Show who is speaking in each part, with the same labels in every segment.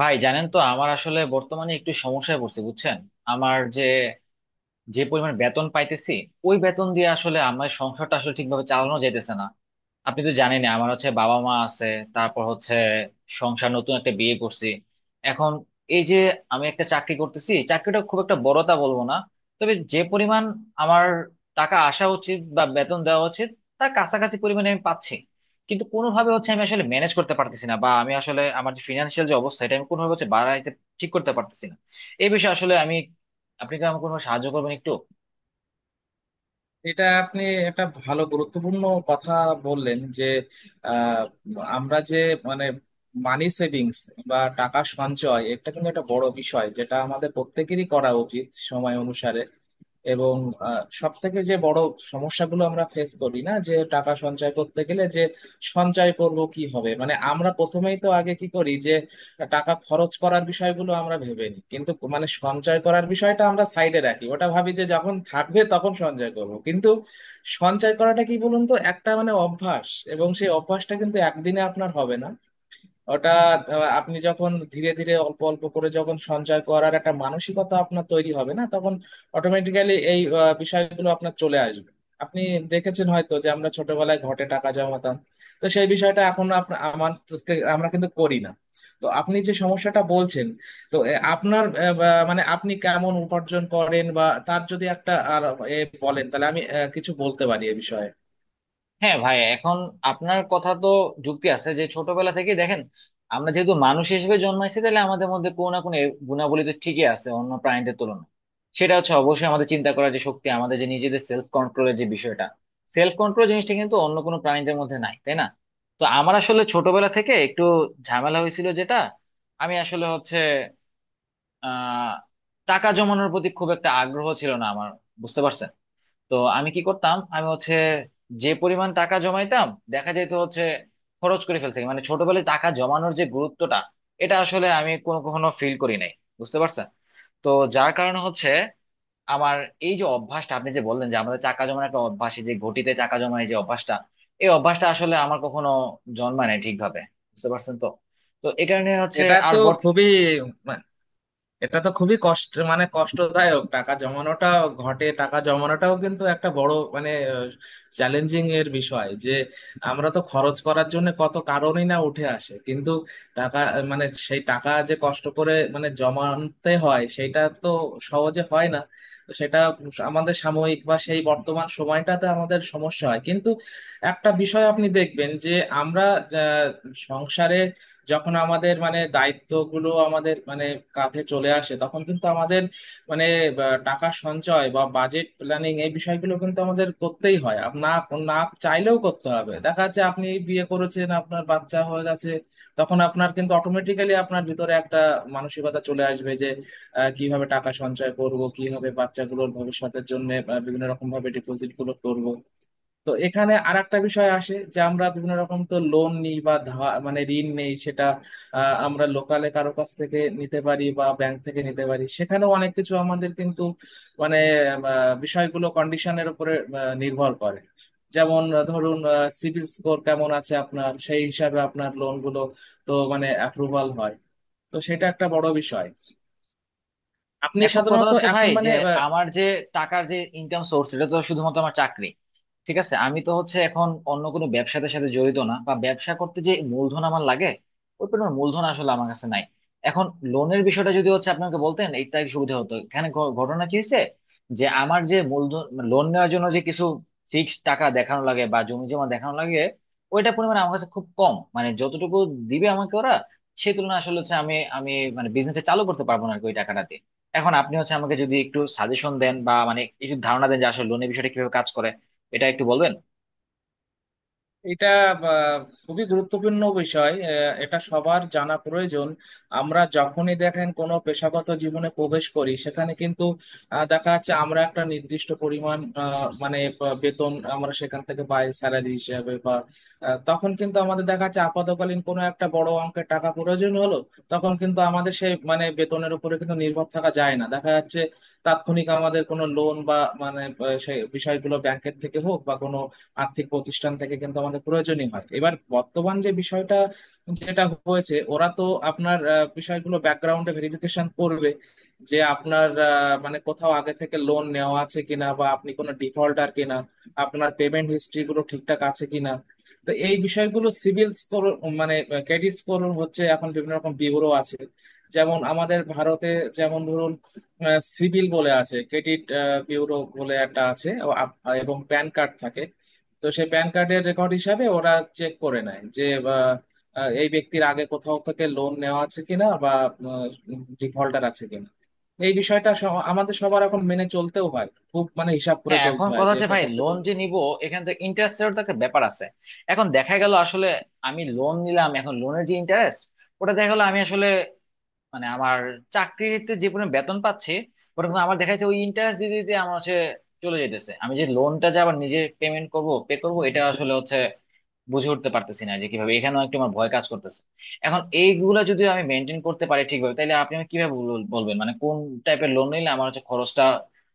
Speaker 1: ভাই জানেন তো, আমার আসলে বর্তমানে একটু সমস্যায় পড়ছি, বুঝছেন? যে পরিমাণ বেতন পাইতেছি, ওই বেতন দিয়ে আসলে আমার সংসারটা আসলে ঠিকভাবে চালানো যাইতেছে না। আপনি তো জানেন আমার হচ্ছে বাবা মা আছে, তারপর হচ্ছে সংসার, নতুন একটা বিয়ে করছি। এখন এই যে আমি একটা চাকরি করতেছি, চাকরিটা খুব একটা বড়তা বলবো না, তবে যে পরিমাণ আমার টাকা আসা উচিত বা বেতন দেওয়া উচিত, তার কাছাকাছি পরিমাণে আমি পাচ্ছি, কিন্তু কোনোভাবে হচ্ছে আমি আসলে ম্যানেজ করতে পারতেছি না, বা আমি আসলে আমার যে ফিনান্সিয়াল যে অবস্থা, এটা আমি কোনোভাবে হচ্ছে বাড়াইতে ঠিক করতে পারতেছি না। এই বিষয়ে আসলে আমি, আপনি কি আমাকে কোনো সাহায্য করবেন একটু?
Speaker 2: এটা আপনি একটা ভালো গুরুত্বপূর্ণ কথা বললেন যে আহ, আমরা যে মানে মানি সেভিংস বা টাকা সঞ্চয় এটা কিন্তু একটা বড় বিষয় যেটা আমাদের প্রত্যেকেরই করা উচিত সময় অনুসারে। এবং সব থেকে যে বড় সমস্যাগুলো আমরা ফেস করি না যে টাকা সঞ্চয় করতে গেলে যে সঞ্চয় করব কি হবে, মানে আমরা প্রথমেই তো আগে কি করি যে টাকা খরচ করার বিষয়গুলো আমরা ভেবে নিই কিন্তু মানে সঞ্চয় করার বিষয়টা আমরা সাইডে রাখি, ওটা ভাবি যে যখন থাকবে তখন সঞ্চয় করব, কিন্তু সঞ্চয় করাটা কি বলুন তো একটা মানে অভ্যাস, এবং সেই অভ্যাসটা কিন্তু একদিনে আপনার হবে না। ওটা আপনি যখন ধীরে ধীরে অল্প অল্প করে যখন সঞ্চয় করার একটা মানসিকতা আপনার তৈরি হবে না তখন অটোমেটিক্যালি এই বিষয়গুলো আপনার চলে আসবে। আপনি দেখেছেন হয়তো যে আমরা ছোটবেলায় ঘটে টাকা জমাতাম, তো সেই বিষয়টা এখন আমাদেরকে আমরা কিন্তু করি না। তো আপনি যে সমস্যাটা বলছেন, তো আপনার মানে আপনি কেমন উপার্জন করেন বা তার যদি একটা আর এ বলেন তাহলে আমি কিছু বলতে পারি এ বিষয়ে।
Speaker 1: হ্যাঁ ভাই, এখন আপনার কথা তো যুক্তি আছে যে ছোটবেলা থেকে দেখেন, আমরা যেহেতু মানুষ হিসেবে জন্মাইছি, তাহলে আমাদের মধ্যে কোনো না কোনো গুণাবলী তো ঠিকই আছে অন্য প্রাণীদের তুলনায়। সেটা হচ্ছে অবশ্যই আমাদের চিন্তা করার যে শক্তি, আমাদের যে নিজেদের সেলফ কন্ট্রোলের যে বিষয়টা। সেলফ কন্ট্রোল জিনিসটা কিন্তু অন্য কোনো প্রাণীদের মধ্যে নাই, তাই না? তো আমার আসলে ছোটবেলা থেকে একটু ঝামেলা হয়েছিল যেটা, আমি আসলে হচ্ছে আহ টাকা জমানোর প্রতি খুব একটা আগ্রহ ছিল না আমার, বুঝতে পারছেন? তো আমি কি করতাম, আমি হচ্ছে যে পরিমাণ টাকা জমাইতাম, দেখা যেত হচ্ছে খরচ করে ফেলছে। মানে ছোটবেলায় টাকা জমানোর যে গুরুত্বটা, এটা আসলে আমি কোনো কখনো ফিল করি নাই, বুঝতে পারছেন তো যার কারণে হচ্ছে আমার এই যে অভ্যাসটা, আপনি যে বললেন যে আমাদের টাকা জমানো একটা অভ্যাস, এই যে ঘটিতে টাকা জমানো, এই যে অভ্যাসটা, এই অভ্যাসটা আসলে আমার কখনো জন্মায় নাই ঠিকভাবে, বুঝতে পারছেন তো? তো এই কারণে হচ্ছে
Speaker 2: এটা
Speaker 1: আর।
Speaker 2: তো খুবই এটা তো খুবই কষ্ট, মানে কষ্টদায়ক টাকা জমানোটা, ঘটে টাকা জমানোটাও কিন্তু একটা বড় মানে চ্যালেঞ্জিং এর বিষয়, যে আমরা তো খরচ করার জন্য কত কারণই না উঠে আসে কিন্তু টাকা মানে সেই টাকা যে কষ্ট করে মানে জমাতে হয় সেটা তো সহজে হয় না। তো সেটা আমাদের সাময়িক বা সেই বর্তমান সময়টাতে আমাদের সমস্যা হয় কিন্তু একটা বিষয় আপনি দেখবেন যে আমরা আহ, সংসারে যখন আমাদের মানে দায়িত্বগুলো আমাদের মানে কাঁধে চলে আসে তখন কিন্তু আমাদের মানে টাকা সঞ্চয় বা বাজেট প্ল্যানিং এই বিষয়গুলো কিন্তু আমাদের করতেই হয়, না না চাইলেও করতে হবে। দেখা যাচ্ছে আপনি বিয়ে করেছেন, আপনার বাচ্চা হয়ে গেছে, তখন আপনার কিন্তু অটোমেটিক্যালি আপনার ভিতরে একটা মানসিকতা চলে আসবে যে কিভাবে টাকা সঞ্চয় করব, কিভাবে বাচ্চাগুলোর ভবিষ্যতের জন্য বিভিন্ন রকম ভাবে ডিপোজিট গুলো করব। তো এখানে আর একটা বিষয় আসে যে আমরা বিভিন্ন রকম তো লোন নিই বা ধার মানে ঋণ নেই, সেটা আমরা লোকালে কারো কাছ থেকে নিতে পারি বা ব্যাংক থেকে নিতে পারি, সেখানেও অনেক কিছু আমাদের কিন্তু মানে বিষয়গুলো কন্ডিশনের উপরে নির্ভর করে। যেমন ধরুন সিভিল স্কোর কেমন আছে আপনার, সেই হিসাবে আপনার লোনগুলো তো মানে অ্যাপ্রুভাল হয়। তো সেটা একটা বড় বিষয়। আপনি
Speaker 1: এখন কথা
Speaker 2: সাধারণত
Speaker 1: হচ্ছে ভাই
Speaker 2: এখন
Speaker 1: যে,
Speaker 2: মানে
Speaker 1: আমার যে টাকার যে ইনকাম সোর্স, এটা তো শুধুমাত্র আমার চাকরি। ঠিক আছে, আমি তো হচ্ছে এখন অন্য কোনো ব্যবসাতে সাথে জড়িত না, বা ব্যবসা করতে যে মূলধন আমার লাগে, ওই পরিমাণ মূলধন আসলে আমার কাছে নাই। এখন লোনের বিষয়টা যদি হচ্ছে আপনাকে বলতেন, এটা সুবিধা হতো। এখানে ঘটনা কি হয়েছে যে আমার যে মূলধন, লোন নেওয়ার জন্য যে কিছু ফিক্সড টাকা দেখানো লাগে বা জমি জমা দেখানো লাগে, ওইটা পরিমাণ আমার কাছে খুব কম। মানে যতটুকু দিবে আমাকে ওরা, সেই তুলনায় আসলে হচ্ছে আমি আমি মানে বিজনেসটা চালু করতে পারবো না আর কি ওই টাকাটা দিয়ে। এখন আপনি হচ্ছে আমাকে যদি একটু সাজেশন দেন, বা মানে একটু ধারণা দেন যে আসলে লোনের বিষয়টা কিভাবে কাজ করে, এটা একটু বলবেন।
Speaker 2: এটা আহ, খুবই গুরুত্বপূর্ণ বিষয়, এটা সবার জানা প্রয়োজন। আমরা যখনই দেখেন কোনো পেশাগত জীবনে প্রবেশ করি সেখানে কিন্তু দেখা যাচ্ছে আমরা একটা নির্দিষ্ট পরিমাণ মানে বেতন আমরা সেখান থেকে পাই স্যালারি হিসাবে বা তখন কিন্তু আমাদের দেখা যাচ্ছে আপাতকালীন কোনো একটা বড় অঙ্কের টাকা প্রয়োজন হলো, তখন কিন্তু আমাদের সেই মানে বেতনের উপরে কিন্তু নির্ভর থাকা যায় না, দেখা যাচ্ছে তাৎক্ষণিক আমাদের কোনো লোন বা মানে সেই বিষয়গুলো ব্যাংকের থেকে হোক বা কোনো আর্থিক প্রতিষ্ঠান থেকে কিন্তু আমাদের প্রয়োজনই হয়। এবার বর্তমান যে বিষয়টা যেটা হয়েছে, ওরা তো আপনার বিষয়গুলো ব্যাকগ্রাউন্ডে ভেরিফিকেশন করবে যে আপনার মানে কোথাও আগে থেকে লোন নেওয়া আছে কিনা, বা আপনি কোনো ডিফল্টার কিনা, আপনার পেমেন্ট হিস্ট্রি গুলো ঠিকঠাক আছে কিনা। তো এই বিষয়গুলো সিভিল স্কোর মানে ক্রেডিট স্কোর হচ্ছে। এখন বিভিন্ন রকম ব্যুরো আছে, যেমন আমাদের ভারতে, যেমন ধরুন সিভিল বলে আছে, ক্রেডিট ব্যুরো বলে একটা আছে ও এবং প্যান কার্ড থাকে, তো সেই প্যান কার্ডের রেকর্ড হিসাবে ওরা চেক করে নেয় যে আহ, আহ, এই ব্যক্তির আগে কোথাও থেকে লোন নেওয়া আছে কিনা বা ডিফল্টার আছে কিনা। এই বিষয়টা আমাদের সবার এখন মেনে চলতেও হয়, খুব মানে হিসাব করে
Speaker 1: হ্যাঁ,
Speaker 2: চলতে
Speaker 1: এখন
Speaker 2: হয়
Speaker 1: কথা
Speaker 2: যে
Speaker 1: হচ্ছে ভাই,
Speaker 2: কোথাও থেকে
Speaker 1: লোন যে
Speaker 2: লোন।
Speaker 1: নিব, এখানে তো ইন্টারেস্টের তো একটা ব্যাপার আছে। এখন দেখা গেল আসলে আমি লোন নিলাম, এখন লোনের যে ইন্টারেস্ট, ওটা দেখা গেলো আমি আসলে, মানে আমার চাকরিতে যে পরিমাণ বেতন পাচ্ছি, ওটা কিন্তু আমার দেখা যাচ্ছে ওই ইন্টারেস্ট দিতে দিতে আমার হচ্ছে চলে যেতেছে। আমি যে লোনটা যে আবার নিজে পেমেন্ট করব, পে করব, এটা আসলে হচ্ছে বুঝে উঠতে পারতেছি না যে কিভাবে। এখানেও একটু আমার ভয় কাজ করতেছে। এখন এইগুলো যদি আমি মেনটেন করতে পারি ঠিকভাবে, তাহলে আপনি আমাকে কিভাবে বলবেন মানে কোন টাইপের লোন নিলে আমার হচ্ছে খরচটা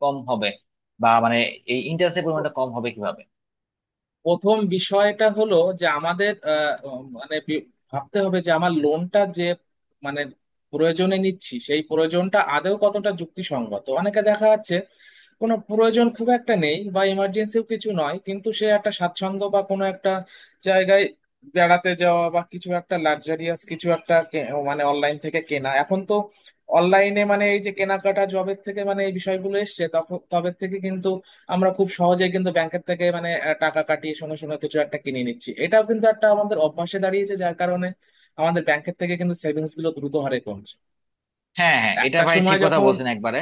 Speaker 1: কম হবে, বা মানে এই ইন্টারেস্টের পরিমাণটা কম হবে কিভাবে?
Speaker 2: প্রথম বিষয়টা হলো যে আমাদের মানে ভাবতে হবে যে আমার লোনটা যে মানে প্রয়োজনে নিচ্ছি সেই প্রয়োজনটা আদৌ কতটা যুক্তিসঙ্গত। অনেকে দেখা যাচ্ছে কোনো প্রয়োজন খুব একটা নেই বা ইমার্জেন্সিও কিছু নয়, কিন্তু সে একটা স্বাচ্ছন্দ্য বা কোনো একটা জায়গায় বেড়াতে যাওয়া বা কিছু একটা লাক্সারিয়াস কিছু একটা মানে অনলাইন থেকে কেনা। এখন তো অনলাইনে মানে এই যে কেনাকাটা জবের থেকে মানে এই বিষয়গুলো এসছে তখন তবে থেকে কিন্তু আমরা খুব সহজে কিন্তু ব্যাংকের থেকে মানে টাকা কাটিয়ে সঙ্গে সঙ্গে কিছু একটা কিনে নিচ্ছি, এটাও কিন্তু একটা আমাদের অভ্যাসে দাঁড়িয়েছে যার কারণে আমাদের ব্যাংকের থেকে কিন্তু সেভিংস গুলো দ্রুত হারে কমছে।
Speaker 1: হ্যাঁ হ্যাঁ, এটা
Speaker 2: একটা
Speaker 1: ভাই ঠিক
Speaker 2: সময়
Speaker 1: কথা
Speaker 2: যখন
Speaker 1: বলছেন একবারে।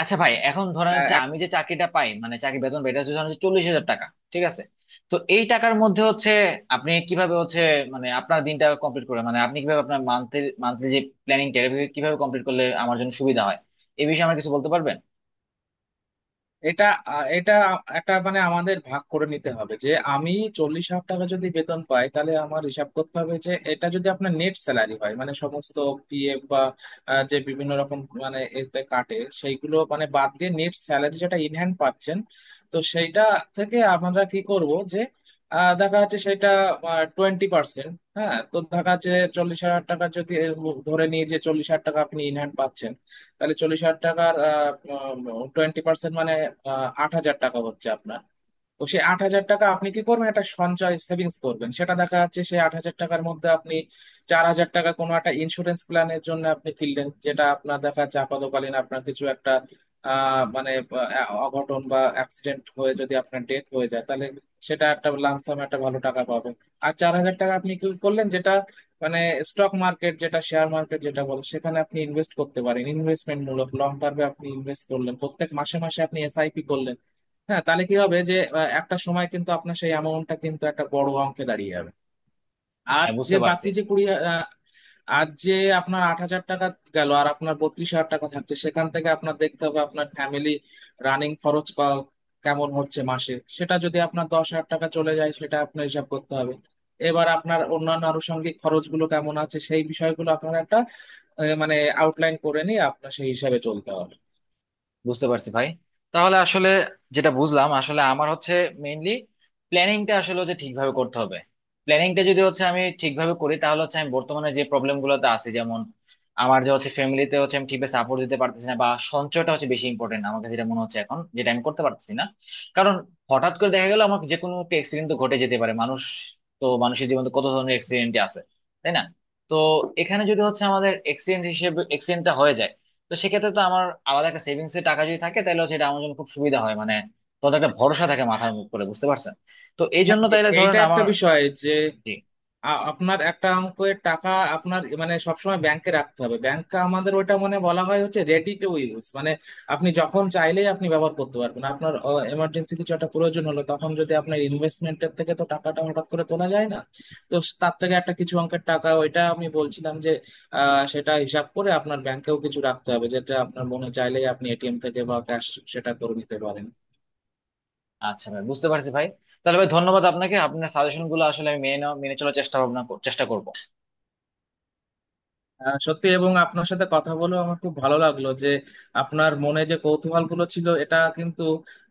Speaker 1: আচ্ছা ভাই, এখন ধরেন হচ্ছে আমি যে চাকরিটা পাই, মানে চাকরি বেতন পাই, এটা হচ্ছে ধরেন 40,000 টাকা। ঠিক আছে, তো এই টাকার মধ্যে হচ্ছে আপনি কিভাবে হচ্ছে, মানে আপনার দিনটা কমপ্লিট করে, মানে আপনি কিভাবে আপনার মান্থলি মান্থলি যে প্ল্যানিং কিভাবে কমপ্লিট করলে আমার জন্য সুবিধা হয়, এই বিষয়ে আমার কিছু বলতে পারবেন?
Speaker 2: এটা এটা একটা মানে আমাদের ভাগ করে নিতে হবে যে আমি 40,000 টাকা যদি বেতন পাই তাহলে আমার হিসাব করতে হবে যে এটা যদি আপনার নেট স্যালারি হয় মানে সমস্ত পিএফ বা যে বিভিন্ন রকম মানে এতে কাটে সেইগুলো মানে বাদ দিয়ে নেট স্যালারি যেটা ইনহ্যান্ড পাচ্ছেন, তো সেইটা থেকে আমরা কি করব যে দেখা যাচ্ছে সেটা 20%। হ্যাঁ, তো দেখা যাচ্ছে 40,000 টাকা যদি ধরে নিয়ে যে 40,000 টাকা আপনি ইনহ্যান্ড পাচ্ছেন, তাহলে 40,000 টাকার 20% মানে 8,000 টাকা হচ্ছে আপনার। তো সে 8,000 টাকা আপনি কি করবেন, একটা সঞ্চয় সেভিংস করবেন, সেটা দেখা যাচ্ছে সে 8,000 টাকার মধ্যে আপনি 4,000 টাকা কোনো একটা ইন্স্যুরেন্স প্ল্যানের জন্য আপনি কিনলেন, যেটা আপনার দেখা যাচ্ছে আপাতকালীন আপনার কিছু একটা মানে অঘটন বা অ্যাক্সিডেন্ট হয়ে যদি আপনার ডেথ হয়ে যায় তাহলে সেটা একটা লামসাম একটা ভালো টাকা পাবেন। আর 4,000 টাকা আপনি কি করলেন যেটা মানে স্টক মার্কেট যেটা শেয়ার মার্কেট যেটা বলে সেখানে আপনি ইনভেস্ট করতে পারেন, ইনভেস্টমেন্ট মূলক লং টার্মে আপনি ইনভেস্ট করলেন প্রত্যেক মাসে মাসে আপনি এসআইপি করলেন। হ্যাঁ, তাহলে কি হবে যে একটা সময় কিন্তু আপনার সেই অ্যামাউন্টটা কিন্তু একটা বড় অঙ্কে দাঁড়িয়ে যাবে। আর
Speaker 1: হ্যাঁ
Speaker 2: যে
Speaker 1: বুঝতে পারছি।
Speaker 2: বাকি যে 20 আর যে আপনার 8,000 টাকা গেল আর আপনার 32,000 টাকা থাকছে, সেখান থেকে আপনার দেখতে হবে আপনার ফ্যামিলি রানিং খরচ কেমন হচ্ছে মাসে, সেটা যদি আপনার 10,000 টাকা চলে যায় সেটা আপনার হিসাব করতে হবে। এবার আপনার অন্যান্য আনুষঙ্গিক খরচগুলো কেমন আছে সেই বিষয়গুলো আপনার একটা মানে আউটলাইন করে নিয়ে আপনার সেই হিসাবে চলতে হবে।
Speaker 1: বুঝতে পারছি ভাই। তাহলে আসলে যেটা বুঝলাম আসলে আমার হচ্ছে মেইনলি প্ল্যানিংটা আসলে হচ্ছে ঠিকভাবে করতে হবে। প্ল্যানিংটা যদি হচ্ছে আমি ঠিকভাবে করি, তাহলে হচ্ছে আমি বর্তমানে যে প্রবলেম গুলোতে আছি, যেমন আমার যে হচ্ছে ফ্যামিলিতে হচ্ছে আমি ঠিকভাবে সাপোর্ট দিতে পারতেছি না, বা সঞ্চয়টা হচ্ছে বেশি ইম্পর্টেন্ট আমার কাছে, যেটা মনে হচ্ছে এখন যেটা আমি করতে পারতেছি না। কারণ হঠাৎ করে দেখা গেল আমার যে কোনো একটা অ্যাক্সিডেন্ট তো ঘটে যেতে পারে মানুষ, তো মানুষের জীবনে তো কত ধরনের অ্যাক্সিডেন্ট আছে, তাই না? তো এখানে যদি হচ্ছে আমাদের অ্যাক্সিডেন্ট হিসেবে, তো সেক্ষেত্রে তো আমার আলাদা একটা সেভিংস এর টাকা যদি থাকে, তাহলে সেটা আমার জন্য খুব সুবিধা হয়। মানে তোদের একটা ভরসা থাকে মাথার মুখ করে, বুঝতে পারছেন? তো এই
Speaker 2: হ্যাঁ,
Speaker 1: জন্য তাইলে ধরেন
Speaker 2: এইটা একটা
Speaker 1: আমার।
Speaker 2: বিষয় যে
Speaker 1: জি।
Speaker 2: আপনার একটা অঙ্কের টাকা আপনার মানে সবসময় ব্যাংকে রাখতে হবে, ব্যাংকে আমাদের ওটা মানে বলা হয় হচ্ছে রেডি টু ইউজ মানে আপনি যখন চাইলেই আপনি ব্যবহার করতে পারবেন। আপনার এমার্জেন্সি কিছু একটা প্রয়োজন হলো, তখন যদি আপনার ইনভেস্টমেন্টের থেকে তো টাকাটা হঠাৎ করে তোলা যায় না, তো তার থেকে একটা কিছু অঙ্কের টাকা ওইটা আমি বলছিলাম যে সেটা হিসাব করে আপনার ব্যাংকেও কিছু রাখতে হবে যেটা আপনার মনে চাইলেই আপনি এটিএম থেকে বা ক্যাশ সেটা করে নিতে পারেন।
Speaker 1: আচ্ছা ভাই, বুঝতে পারছি ভাই। তাহলে ভাই ধন্যবাদ আপনাকে, আপনার সাজেশন গুলো আসলে আমি মেনে চলার চেষ্টা করব।
Speaker 2: সত্যি, এবং আপনার সাথে কথা বলেও আমার খুব ভালো লাগলো যে আপনার মনে যে কৌতূহল গুলো ছিল এটা কিন্তু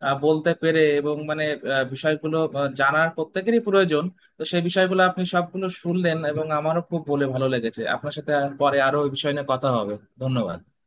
Speaker 2: বলতে পেরে, এবং মানে বিষয়গুলো জানার প্রত্যেকেরই প্রয়োজন। তো সেই বিষয়গুলো আপনি সবগুলো শুনলেন এবং আমারও খুব বলে ভালো লেগেছে আপনার সাথে, আর পরে আরো ওই বিষয় নিয়ে কথা হবে। ধন্যবাদ।